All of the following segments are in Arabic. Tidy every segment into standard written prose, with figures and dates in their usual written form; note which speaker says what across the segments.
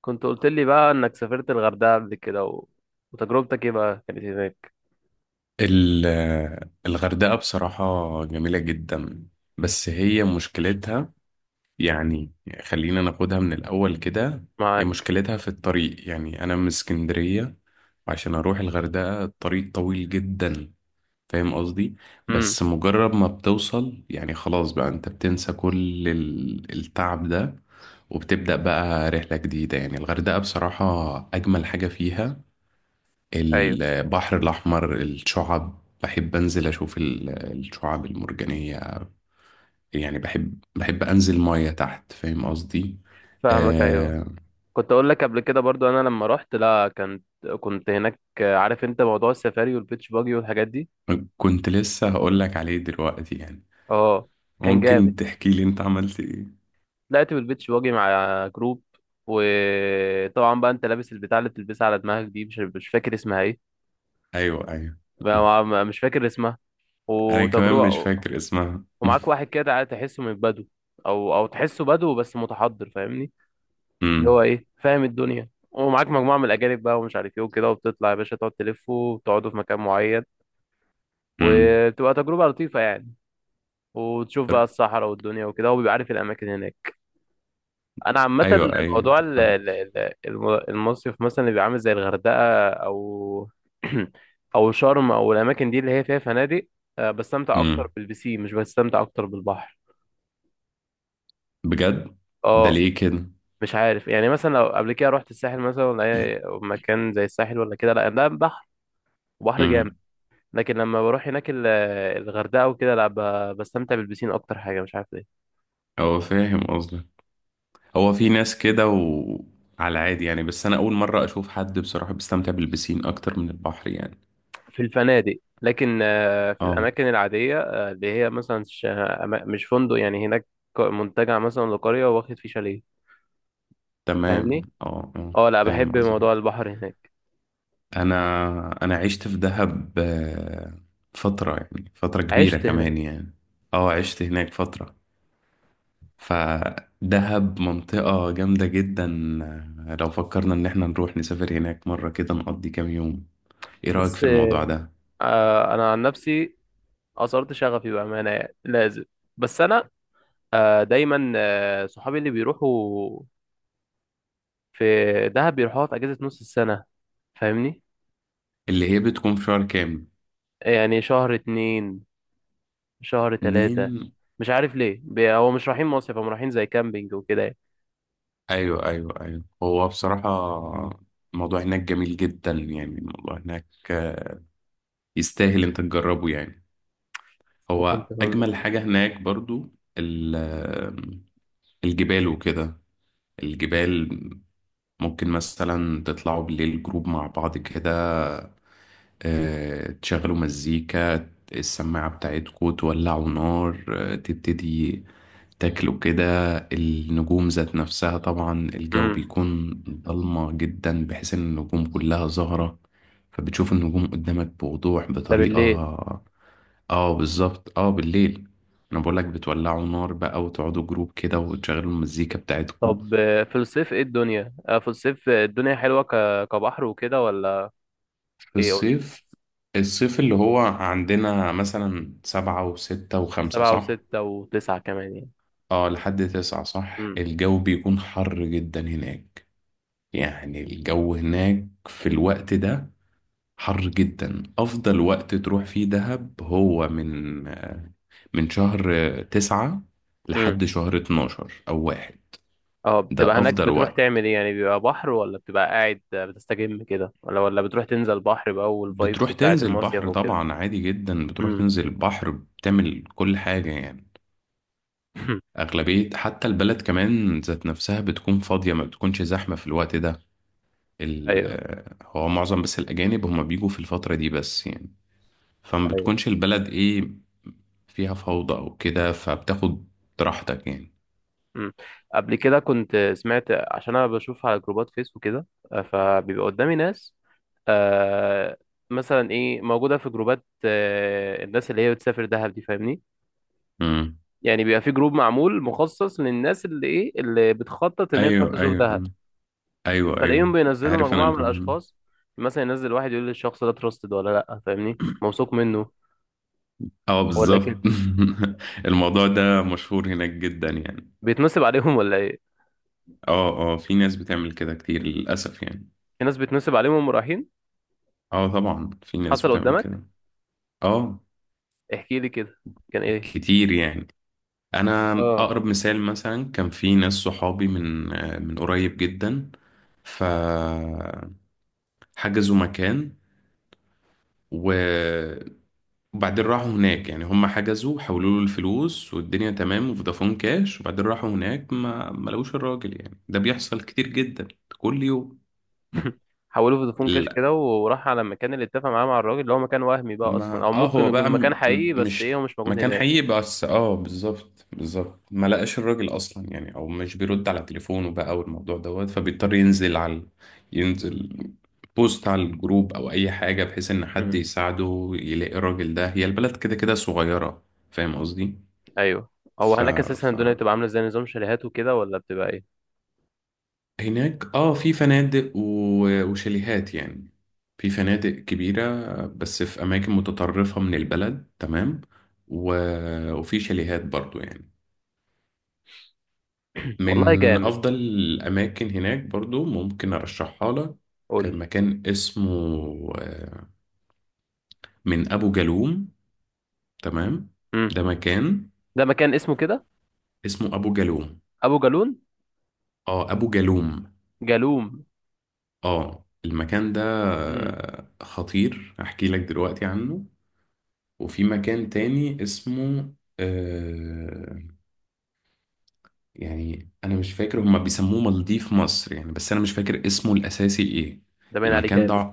Speaker 1: كنت قلت لي بقى انك سافرت الغردقة قبل كده وتجربتك ايه بقى كانت هناك؟
Speaker 2: ال- الغردقة بصراحة جميلة جدا، بس هي مشكلتها، يعني خلينا ناخدها من الأول كده. هي
Speaker 1: معاك.
Speaker 2: مشكلتها في الطريق، يعني أنا من اسكندرية، وعشان أروح الغردقة الطريق طويل جدا، فاهم قصدي؟
Speaker 1: امم.
Speaker 2: بس مجرد ما بتوصل يعني خلاص بقى أنت بتنسى كل التعب ده، وبتبدأ بقى رحلة جديدة. يعني الغردقة بصراحة أجمل حاجة فيها
Speaker 1: ايوه،
Speaker 2: البحر الأحمر، الشعب بحب أنزل أشوف الشعاب المرجانية. يعني بحب أنزل مية تحت، فاهم قصدي؟
Speaker 1: فاهمك، ايوه.
Speaker 2: آه،
Speaker 1: كنت اقول لك قبل كده برضو، انا لما رحت، لا، كنت هناك، عارف انت موضوع السفاري والبيتش باجي والحاجات دي.
Speaker 2: كنت لسه هقول لك عليه دلوقتي يعني.
Speaker 1: اه. كان جامد.
Speaker 2: ممكن تحكي لي أنت عملت إيه؟
Speaker 1: طلعت بالبيتش باجي مع جروب، وطبعا بقى انت لابس البتاع اللي بتلبسها على دماغك دي، مش فاكر اسمها ايه.
Speaker 2: أيوه، أيوه. م.
Speaker 1: مش فاكر اسمها.
Speaker 2: أنا كمان مش
Speaker 1: وتجربة،
Speaker 2: فاكر اسمها.
Speaker 1: ومعاك واحد كده تحسه من بدو، او تحسه بدو بس متحضر، فاهمني. اللي هو
Speaker 2: م.
Speaker 1: ايه، فاهم الدنيا، ومعاك مجموعه من الاجانب بقى، ومش عارف ايه وكده، وبتطلع يا باشا تقعد تلف وتقعدوا في مكان معين،
Speaker 2: م.
Speaker 1: وتبقى تجربه لطيفه يعني. وتشوف بقى الصحراء والدنيا وكده، وبيبقى عارف الاماكن هناك. انا عامه
Speaker 2: أيوه، أيوه،
Speaker 1: موضوع
Speaker 2: فاهم.
Speaker 1: المصيف مثلا اللي بيبقى عامل زي الغردقه او او شرم، او الاماكن دي اللي هي فيها فنادق، بستمتع
Speaker 2: م.
Speaker 1: اكتر بالبسين، مش بستمتع اكتر بالبحر.
Speaker 2: بجد؟ ده
Speaker 1: اه.
Speaker 2: ليه كده؟
Speaker 1: مش عارف، يعني مثلا لو قبل كده رحت الساحل مثلا، ولا اي مكان زي الساحل ولا كده، لا ده بحر، وبحر
Speaker 2: م.
Speaker 1: جامد. لكن لما بروح هناك الغردقة وكده، لا بستمتع بالبسين أكتر حاجة، مش عارف ليه.
Speaker 2: هو فاهم قصدك. هو في ناس كده وعلى عادي يعني، بس انا اول مرة اشوف حد بصراحة بيستمتع بالبسين اكتر من البحر يعني.
Speaker 1: في الفنادق، لكن في
Speaker 2: اه،
Speaker 1: الأماكن العادية، اللي هي مثلا مش فندق يعني هناك، منتجع مثلا لقرية واخد فيه شاليه،
Speaker 2: تمام،
Speaker 1: فاهمني؟
Speaker 2: اه، اه،
Speaker 1: اه، لا،
Speaker 2: فاهم
Speaker 1: بحب موضوع
Speaker 2: قصدك.
Speaker 1: البحر هناك.
Speaker 2: انا انا عشت في دهب، فترة، يعني فترة كبيرة
Speaker 1: عشت هناك
Speaker 2: كمان يعني. اه، عشت هناك فترة. فدهب منطقة جامدة جدا. لو فكرنا ان احنا نروح نسافر هناك مرة كده نقضي كام يوم، ايه رأيك
Speaker 1: بس،
Speaker 2: في الموضوع ده؟
Speaker 1: أنا عن نفسي أثرت شغفي بأمانة، يعني لازم. بس أنا دايما صحابي اللي بيروحوا في دهب بيروحوها في أجازة نص السنة، فاهمني؟
Speaker 2: اللي هي بتكون في شهر كام؟
Speaker 1: يعني شهر اتنين، شهر ثلاثة.
Speaker 2: اتنين.
Speaker 1: مش عارف ليه، هو مش رايحين مصيف، هم رايحين زي كامبينج وكده يعني.
Speaker 2: ايوه، ايوه، ايوه، هو بصراحة الموضوع هناك جميل جدا، يعني الموضوع هناك آه، يستاهل انت تجربه يعني.
Speaker 1: وكنت
Speaker 2: هو
Speaker 1: هقول لك
Speaker 2: اجمل حاجة
Speaker 1: ايه.
Speaker 2: هناك برضو ال- آه، الجبال وكده. الجبال ممكن مثلا تطلعوا بالليل جروب مع بعض كده، تشغلوا مزيكا السماعة بتاعتكوا، تولعوا نار، تبتدي تاكله كده، النجوم ذات نفسها. طبعا الجو
Speaker 1: امم.
Speaker 2: بيكون ضلمة جدا بحيث ان النجوم كلها ظاهرة، فبتشوف النجوم قدامك بوضوح
Speaker 1: ده بالليل.
Speaker 2: بطريقة. اه بالظبط، اه بالليل. انا بقولك بتولعوا نار بقى وتقعدوا جروب كده وتشغلوا المزيكا بتاعتكم.
Speaker 1: طب في الصيف ايه الدنيا، في الصيف الدنيا حلوة كبحر وكده ولا؟
Speaker 2: في
Speaker 1: ايه قول.
Speaker 2: الصيف، الصيف اللي هو عندنا مثلا سبعة وستة وخمسة،
Speaker 1: سبعة
Speaker 2: صح؟
Speaker 1: وستة وتسعة كمان يعني.
Speaker 2: اه لحد تسعة صح.
Speaker 1: امم.
Speaker 2: الجو بيكون حر جدا هناك، يعني الجو هناك في الوقت ده حر جدا. أفضل وقت تروح فيه دهب هو من شهر تسعة
Speaker 1: امم.
Speaker 2: لحد شهر اتناشر أو واحد.
Speaker 1: اه،
Speaker 2: ده
Speaker 1: بتبقى هناك
Speaker 2: أفضل
Speaker 1: بتروح
Speaker 2: وقت.
Speaker 1: تعمل ايه يعني؟ بيبقى بحر، ولا بتبقى قاعد بتستجم كده، ولا بتروح تنزل بحر بقى، والفايبس
Speaker 2: بتروح
Speaker 1: بتاعة
Speaker 2: تنزل
Speaker 1: المصيف
Speaker 2: بحر
Speaker 1: وكده.
Speaker 2: طبعا عادي جدا، بتروح
Speaker 1: امم.
Speaker 2: تنزل البحر بتعمل كل حاجة يعني. أغلبية حتى البلد كمان ذات نفسها بتكون فاضية، ما بتكونش زحمة في الوقت ده.
Speaker 1: ايوه.
Speaker 2: هو معظم بس الأجانب هما بيجوا في الفترة دي بس يعني، فما بتكونش البلد إيه فيها فوضى أو كده، فبتاخد راحتك يعني.
Speaker 1: مم. قبل كده كنت سمعت، عشان انا بشوف على جروبات فيسبوك كده، فبيبقى قدامي ناس، آه مثلا ايه موجوده في جروبات، الناس اللي هي بتسافر دهب دي، فاهمني.
Speaker 2: مم.
Speaker 1: يعني بيبقى في جروب معمول مخصص للناس، اللي ايه، اللي بتخطط ان هي تروح
Speaker 2: ايوه،
Speaker 1: تزور
Speaker 2: ايوه.
Speaker 1: دهب.
Speaker 2: مم. ايوه،
Speaker 1: فلاقيهم
Speaker 2: ايوه،
Speaker 1: بينزلوا
Speaker 2: عارف
Speaker 1: مجموعه
Speaker 2: انا
Speaker 1: من
Speaker 2: كم...
Speaker 1: الاشخاص، مثلا ينزل واحد يقول للشخص ده تراستد ولا لا، فاهمني، موثوق منه
Speaker 2: اه
Speaker 1: ولا كده.
Speaker 2: بالظبط. الموضوع ده مشهور هناك جدا يعني.
Speaker 1: بيتنصب عليهم ولا ايه؟
Speaker 2: اه، اه، في ناس بتعمل كده كتير للاسف يعني.
Speaker 1: في ناس بيتنصب عليهم وهم رايحين.
Speaker 2: اه طبعا في ناس
Speaker 1: حصل
Speaker 2: بتعمل
Speaker 1: قدامك؟
Speaker 2: كده. اه
Speaker 1: احكي لي كده. كان ايه؟
Speaker 2: كتير يعني. انا
Speaker 1: اه.
Speaker 2: اقرب مثال مثلا كان في ناس صحابي، من قريب جدا، فحجزوا مكان و وبعدين راحوا هناك، يعني هم حجزوا حولوا له الفلوس والدنيا تمام، وفودافون كاش، وبعدين راحوا هناك ما لقوش الراجل. يعني ده بيحصل كتير جدا، كل يوم.
Speaker 1: حولوه فودافون كاش
Speaker 2: لا،
Speaker 1: كده، وراح على المكان اللي اتفق معاه مع الراجل، اللي هو مكان وهمي بقى اصلا،
Speaker 2: ما
Speaker 1: او
Speaker 2: اه
Speaker 1: ممكن
Speaker 2: هو
Speaker 1: يكون
Speaker 2: بقى
Speaker 1: مكان
Speaker 2: م...
Speaker 1: حقيقي
Speaker 2: م-
Speaker 1: بس
Speaker 2: مش
Speaker 1: ايه، هو مش موجود
Speaker 2: مكان
Speaker 1: هناك.
Speaker 2: حقيقي، بس اه بالظبط بالظبط ما لقاش الراجل اصلا يعني، او مش بيرد على تليفونه بقى والموضوع دوت. فبيضطر ينزل بوست على الجروب او اي حاجه، بحيث ان حد
Speaker 1: مم.
Speaker 2: يساعده يلاقي الراجل ده. هي البلد كده كده صغيره، فاهم قصدي؟
Speaker 1: ايوه. هو
Speaker 2: ف...
Speaker 1: هناك اساسا
Speaker 2: ف
Speaker 1: الدنيا بتبقى عامله زي نظام شاليهات وكده، ولا بتبقى ايه؟
Speaker 2: هناك اه في فنادق و- وشاليهات يعني. في فنادق كبيرة بس في أماكن متطرفة من البلد، تمام، و... وفي شاليهات برضو يعني.
Speaker 1: والله
Speaker 2: من
Speaker 1: جامد.
Speaker 2: أفضل الأماكن هناك برضو ممكن أرشحها لك،
Speaker 1: قول لي.
Speaker 2: مكان اسمه آه، من أبو جالوم، تمام.
Speaker 1: امم.
Speaker 2: ده مكان
Speaker 1: ده مكان اسمه كده
Speaker 2: اسمه أبو جالوم،
Speaker 1: ابو جالون؟
Speaker 2: اه أبو جالوم،
Speaker 1: جالوم.
Speaker 2: اه المكان ده
Speaker 1: امم.
Speaker 2: خطير، أحكي لك دلوقتي عنه. وفي مكان تاني اسمه آه يعني أنا مش فاكر، هما بيسموه مالديف مصر يعني، بس أنا مش فاكر اسمه الأساسي إيه.
Speaker 1: ده باين عليه
Speaker 2: المكان ده
Speaker 1: جامد.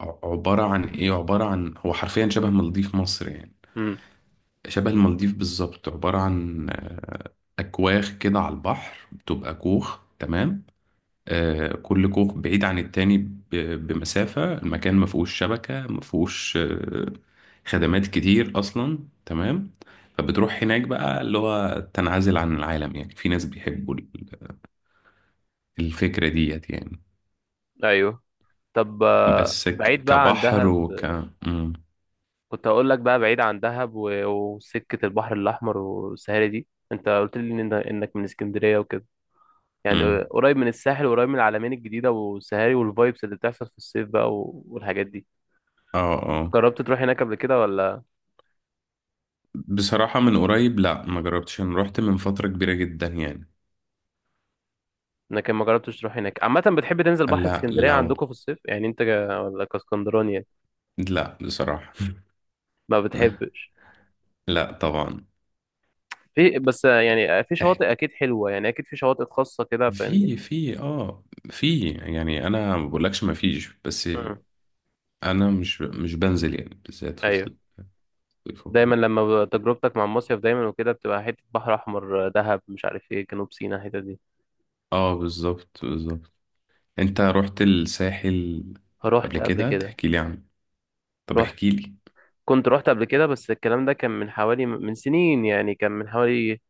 Speaker 2: عبارة عن إيه، عبارة عن هو حرفيا شبه مالديف مصر يعني،
Speaker 1: امم.
Speaker 2: شبه المالديف بالظبط. عبارة عن أكواخ كده على البحر، بتبقى كوخ، تمام. كل كوخ بعيد عن التاني ب- بمسافة. المكان ما فيهوش شبكة، ما فيهوش خدمات كتير أصلا، تمام. فبتروح هناك بقى اللي هو تنعزل عن العالم. يعني في ناس بيحبوا الفكرة ديت يعني.
Speaker 1: ايوه. طب
Speaker 2: بس
Speaker 1: بعيد بقى عن
Speaker 2: كبحر
Speaker 1: دهب،
Speaker 2: مم.
Speaker 1: كنت هقول لك بقى بعيد عن دهب، وسكه البحر الاحمر والسهاري دي، انت قلت لي انك من اسكندريه وكده، يعني
Speaker 2: مم.
Speaker 1: قريب من الساحل وقريب من العلمين الجديدة والسهاري والفايبس اللي بتحصل في الصيف بقى، والحاجات دي.
Speaker 2: اه، اه،
Speaker 1: جربت تروح هناك قبل كده ولا؟
Speaker 2: بصراحة من قريب لا، ما جربتش. انا رحت من فترة كبيرة جدا يعني.
Speaker 1: لكن ما جربتش تروح هناك عامة. بتحب تنزل بحر في
Speaker 2: لا
Speaker 1: اسكندرية
Speaker 2: لو
Speaker 1: عندكم في الصيف؟ يعني انت ولا كاسكندراني يعني؟
Speaker 2: لا بصراحة.
Speaker 1: ما بتحبش.
Speaker 2: لا طبعا.
Speaker 1: في، بس يعني في شواطئ اكيد حلوة يعني، اكيد في شواطئ خاصة كده، فاهمني.
Speaker 2: في في اه في يعني انا ما بقولكش ما فيش، بس
Speaker 1: مم.
Speaker 2: انا مش بنزل يعني بالذات في
Speaker 1: ايوه.
Speaker 2: الصيف وكده.
Speaker 1: دايما لما تجربتك مع المصيف دايما وكده، بتبقى حتة بحر احمر، دهب، مش عارف ايه، جنوب سيناء الحتة دي.
Speaker 2: اه بالظبط بالظبط، انت رحت الساحل قبل
Speaker 1: رحت قبل
Speaker 2: كده؟
Speaker 1: كده.
Speaker 2: تحكي لي عنه، طب
Speaker 1: رحت
Speaker 2: احكي لي.
Speaker 1: كنت رحت قبل كده، بس الكلام ده كان من حوالي، من سنين يعني، كان من حوالي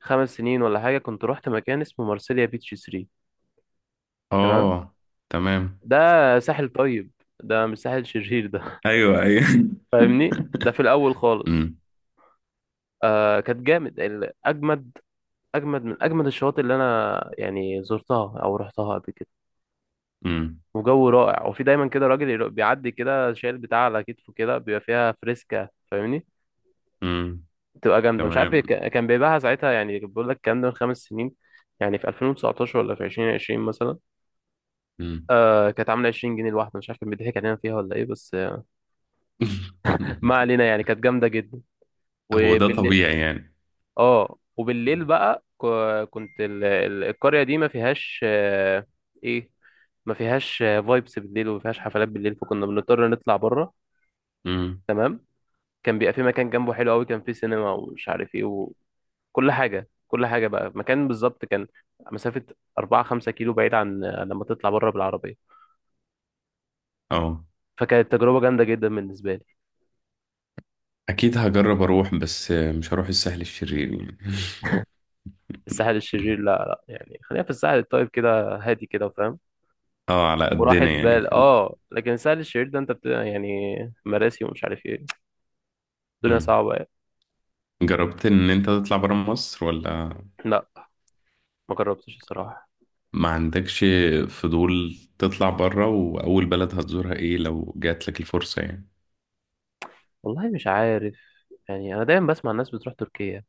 Speaker 1: 5 سنين ولا حاجة. كنت رحت مكان اسمه مارسيليا بيتش 3. تمام.
Speaker 2: اه، تمام،
Speaker 1: ده ساحل طيب، ده مش ساحل شرير ده.
Speaker 2: ايوه، ايوه.
Speaker 1: فاهمني، ده في الأول خالص.
Speaker 2: امم،
Speaker 1: آه، كانت جامد، أجمد، أجمد من أجمد الشواطئ اللي أنا يعني زرتها أو رحتها قبل كده.
Speaker 2: امم،
Speaker 1: وجو رائع، وفي دايما كده راجل بيعدي كده شايل بتاع على كتفه كده، بيبقى فيها فريسكا، فاهمني.
Speaker 2: امم،
Speaker 1: تبقى جامده، مش عارف،
Speaker 2: تمام،
Speaker 1: كان بيبيعها ساعتها، يعني بقول لك الكلام ده من 5 سنين، يعني في 2019 ولا في 2020 مثلا.
Speaker 2: امم.
Speaker 1: كانت عامله 20 جنيه الواحده، مش عارف كان بيضحك علينا فيها ولا ايه، بس ما علينا، يعني كانت جامده جدا.
Speaker 2: هو ده
Speaker 1: وبالليل.
Speaker 2: طبيعي يعني.
Speaker 1: اه، وبالليل بقى كنت القريه دي ما فيهاش، ايه، ما فيهاش فايبس بالليل، وما فيهاش حفلات بالليل، فكنا بنضطر نطلع بره.
Speaker 2: امم،
Speaker 1: تمام. كان بيبقى في مكان جنبه حلو قوي، كان فيه سينما ومش عارف ايه، كل حاجة، كل حاجة بقى. مكان بالظبط كان مسافة أربعة خمسة كيلو بعيد، عن لما تطلع بره بالعربية.
Speaker 2: اه
Speaker 1: فكانت تجربة جامدة جدا بالنسبة لي.
Speaker 2: اكيد هجرب اروح، بس مش هروح الساحل الشرير يعني.
Speaker 1: الساحل الشرير، لا لا، يعني خلينا في الساحل الطيب كده، هادي كده، فاهم.
Speaker 2: اه على
Speaker 1: وراحة
Speaker 2: قدنا يعني
Speaker 1: بال.
Speaker 2: في
Speaker 1: اه، لكن الساحل الشرير ده انت يعني مراسي ومش عارف ايه، الدنيا
Speaker 2: مم.
Speaker 1: صعبة يعني.
Speaker 2: جربت ان انت تطلع برا مصر ولا؟
Speaker 1: لا، ما جربتش الصراحة.
Speaker 2: ما عندكش فضول تطلع برا؟ واول بلد هتزورها ايه لو جات لك الفرصة يعني؟
Speaker 1: والله مش عارف، يعني انا دايما بسمع الناس بتروح تركيا،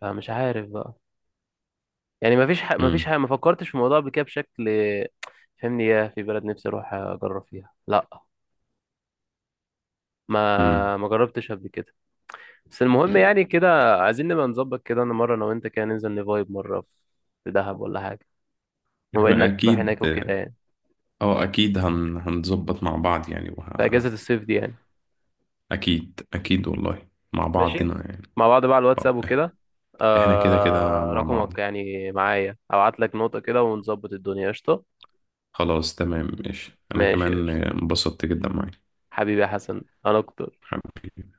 Speaker 1: فمش عارف بقى، يعني ما فيش ح... ما فيش ح...
Speaker 2: مم.
Speaker 1: ما فكرتش في الموضوع قبل كده بشكل. فهمني، يا في بلد نفسي اروح اجرب فيها؟ لا،
Speaker 2: مم.
Speaker 1: ما جربتش قبل كده. بس المهم، يعني كده عايزين نبقى نظبط كده، انا مره، انا وانت كده ننزل نفايب مره في دهب ولا حاجه، بما
Speaker 2: احنا
Speaker 1: انك تروح
Speaker 2: اكيد،
Speaker 1: هناك وكده يعني،
Speaker 2: اه اكيد هنظبط مع بعض يعني
Speaker 1: في اجازه الصيف دي يعني.
Speaker 2: اكيد، اكيد، والله مع
Speaker 1: ماشي.
Speaker 2: بعضنا يعني.
Speaker 1: مع بعض بقى على الواتساب
Speaker 2: آه،
Speaker 1: وكده.
Speaker 2: احنا كده كده مع بعض.
Speaker 1: رقمك يعني معايا، ابعت لك نوتة كده ونظبط الدنيا قشطه.
Speaker 2: خلاص، تمام، ماشي، انا
Speaker 1: ماشي،
Speaker 2: كمان
Speaker 1: قشطه.
Speaker 2: انبسطت جدا معاك،
Speaker 1: حبيبي يا حسن، انا اكتر.
Speaker 2: حبيبي.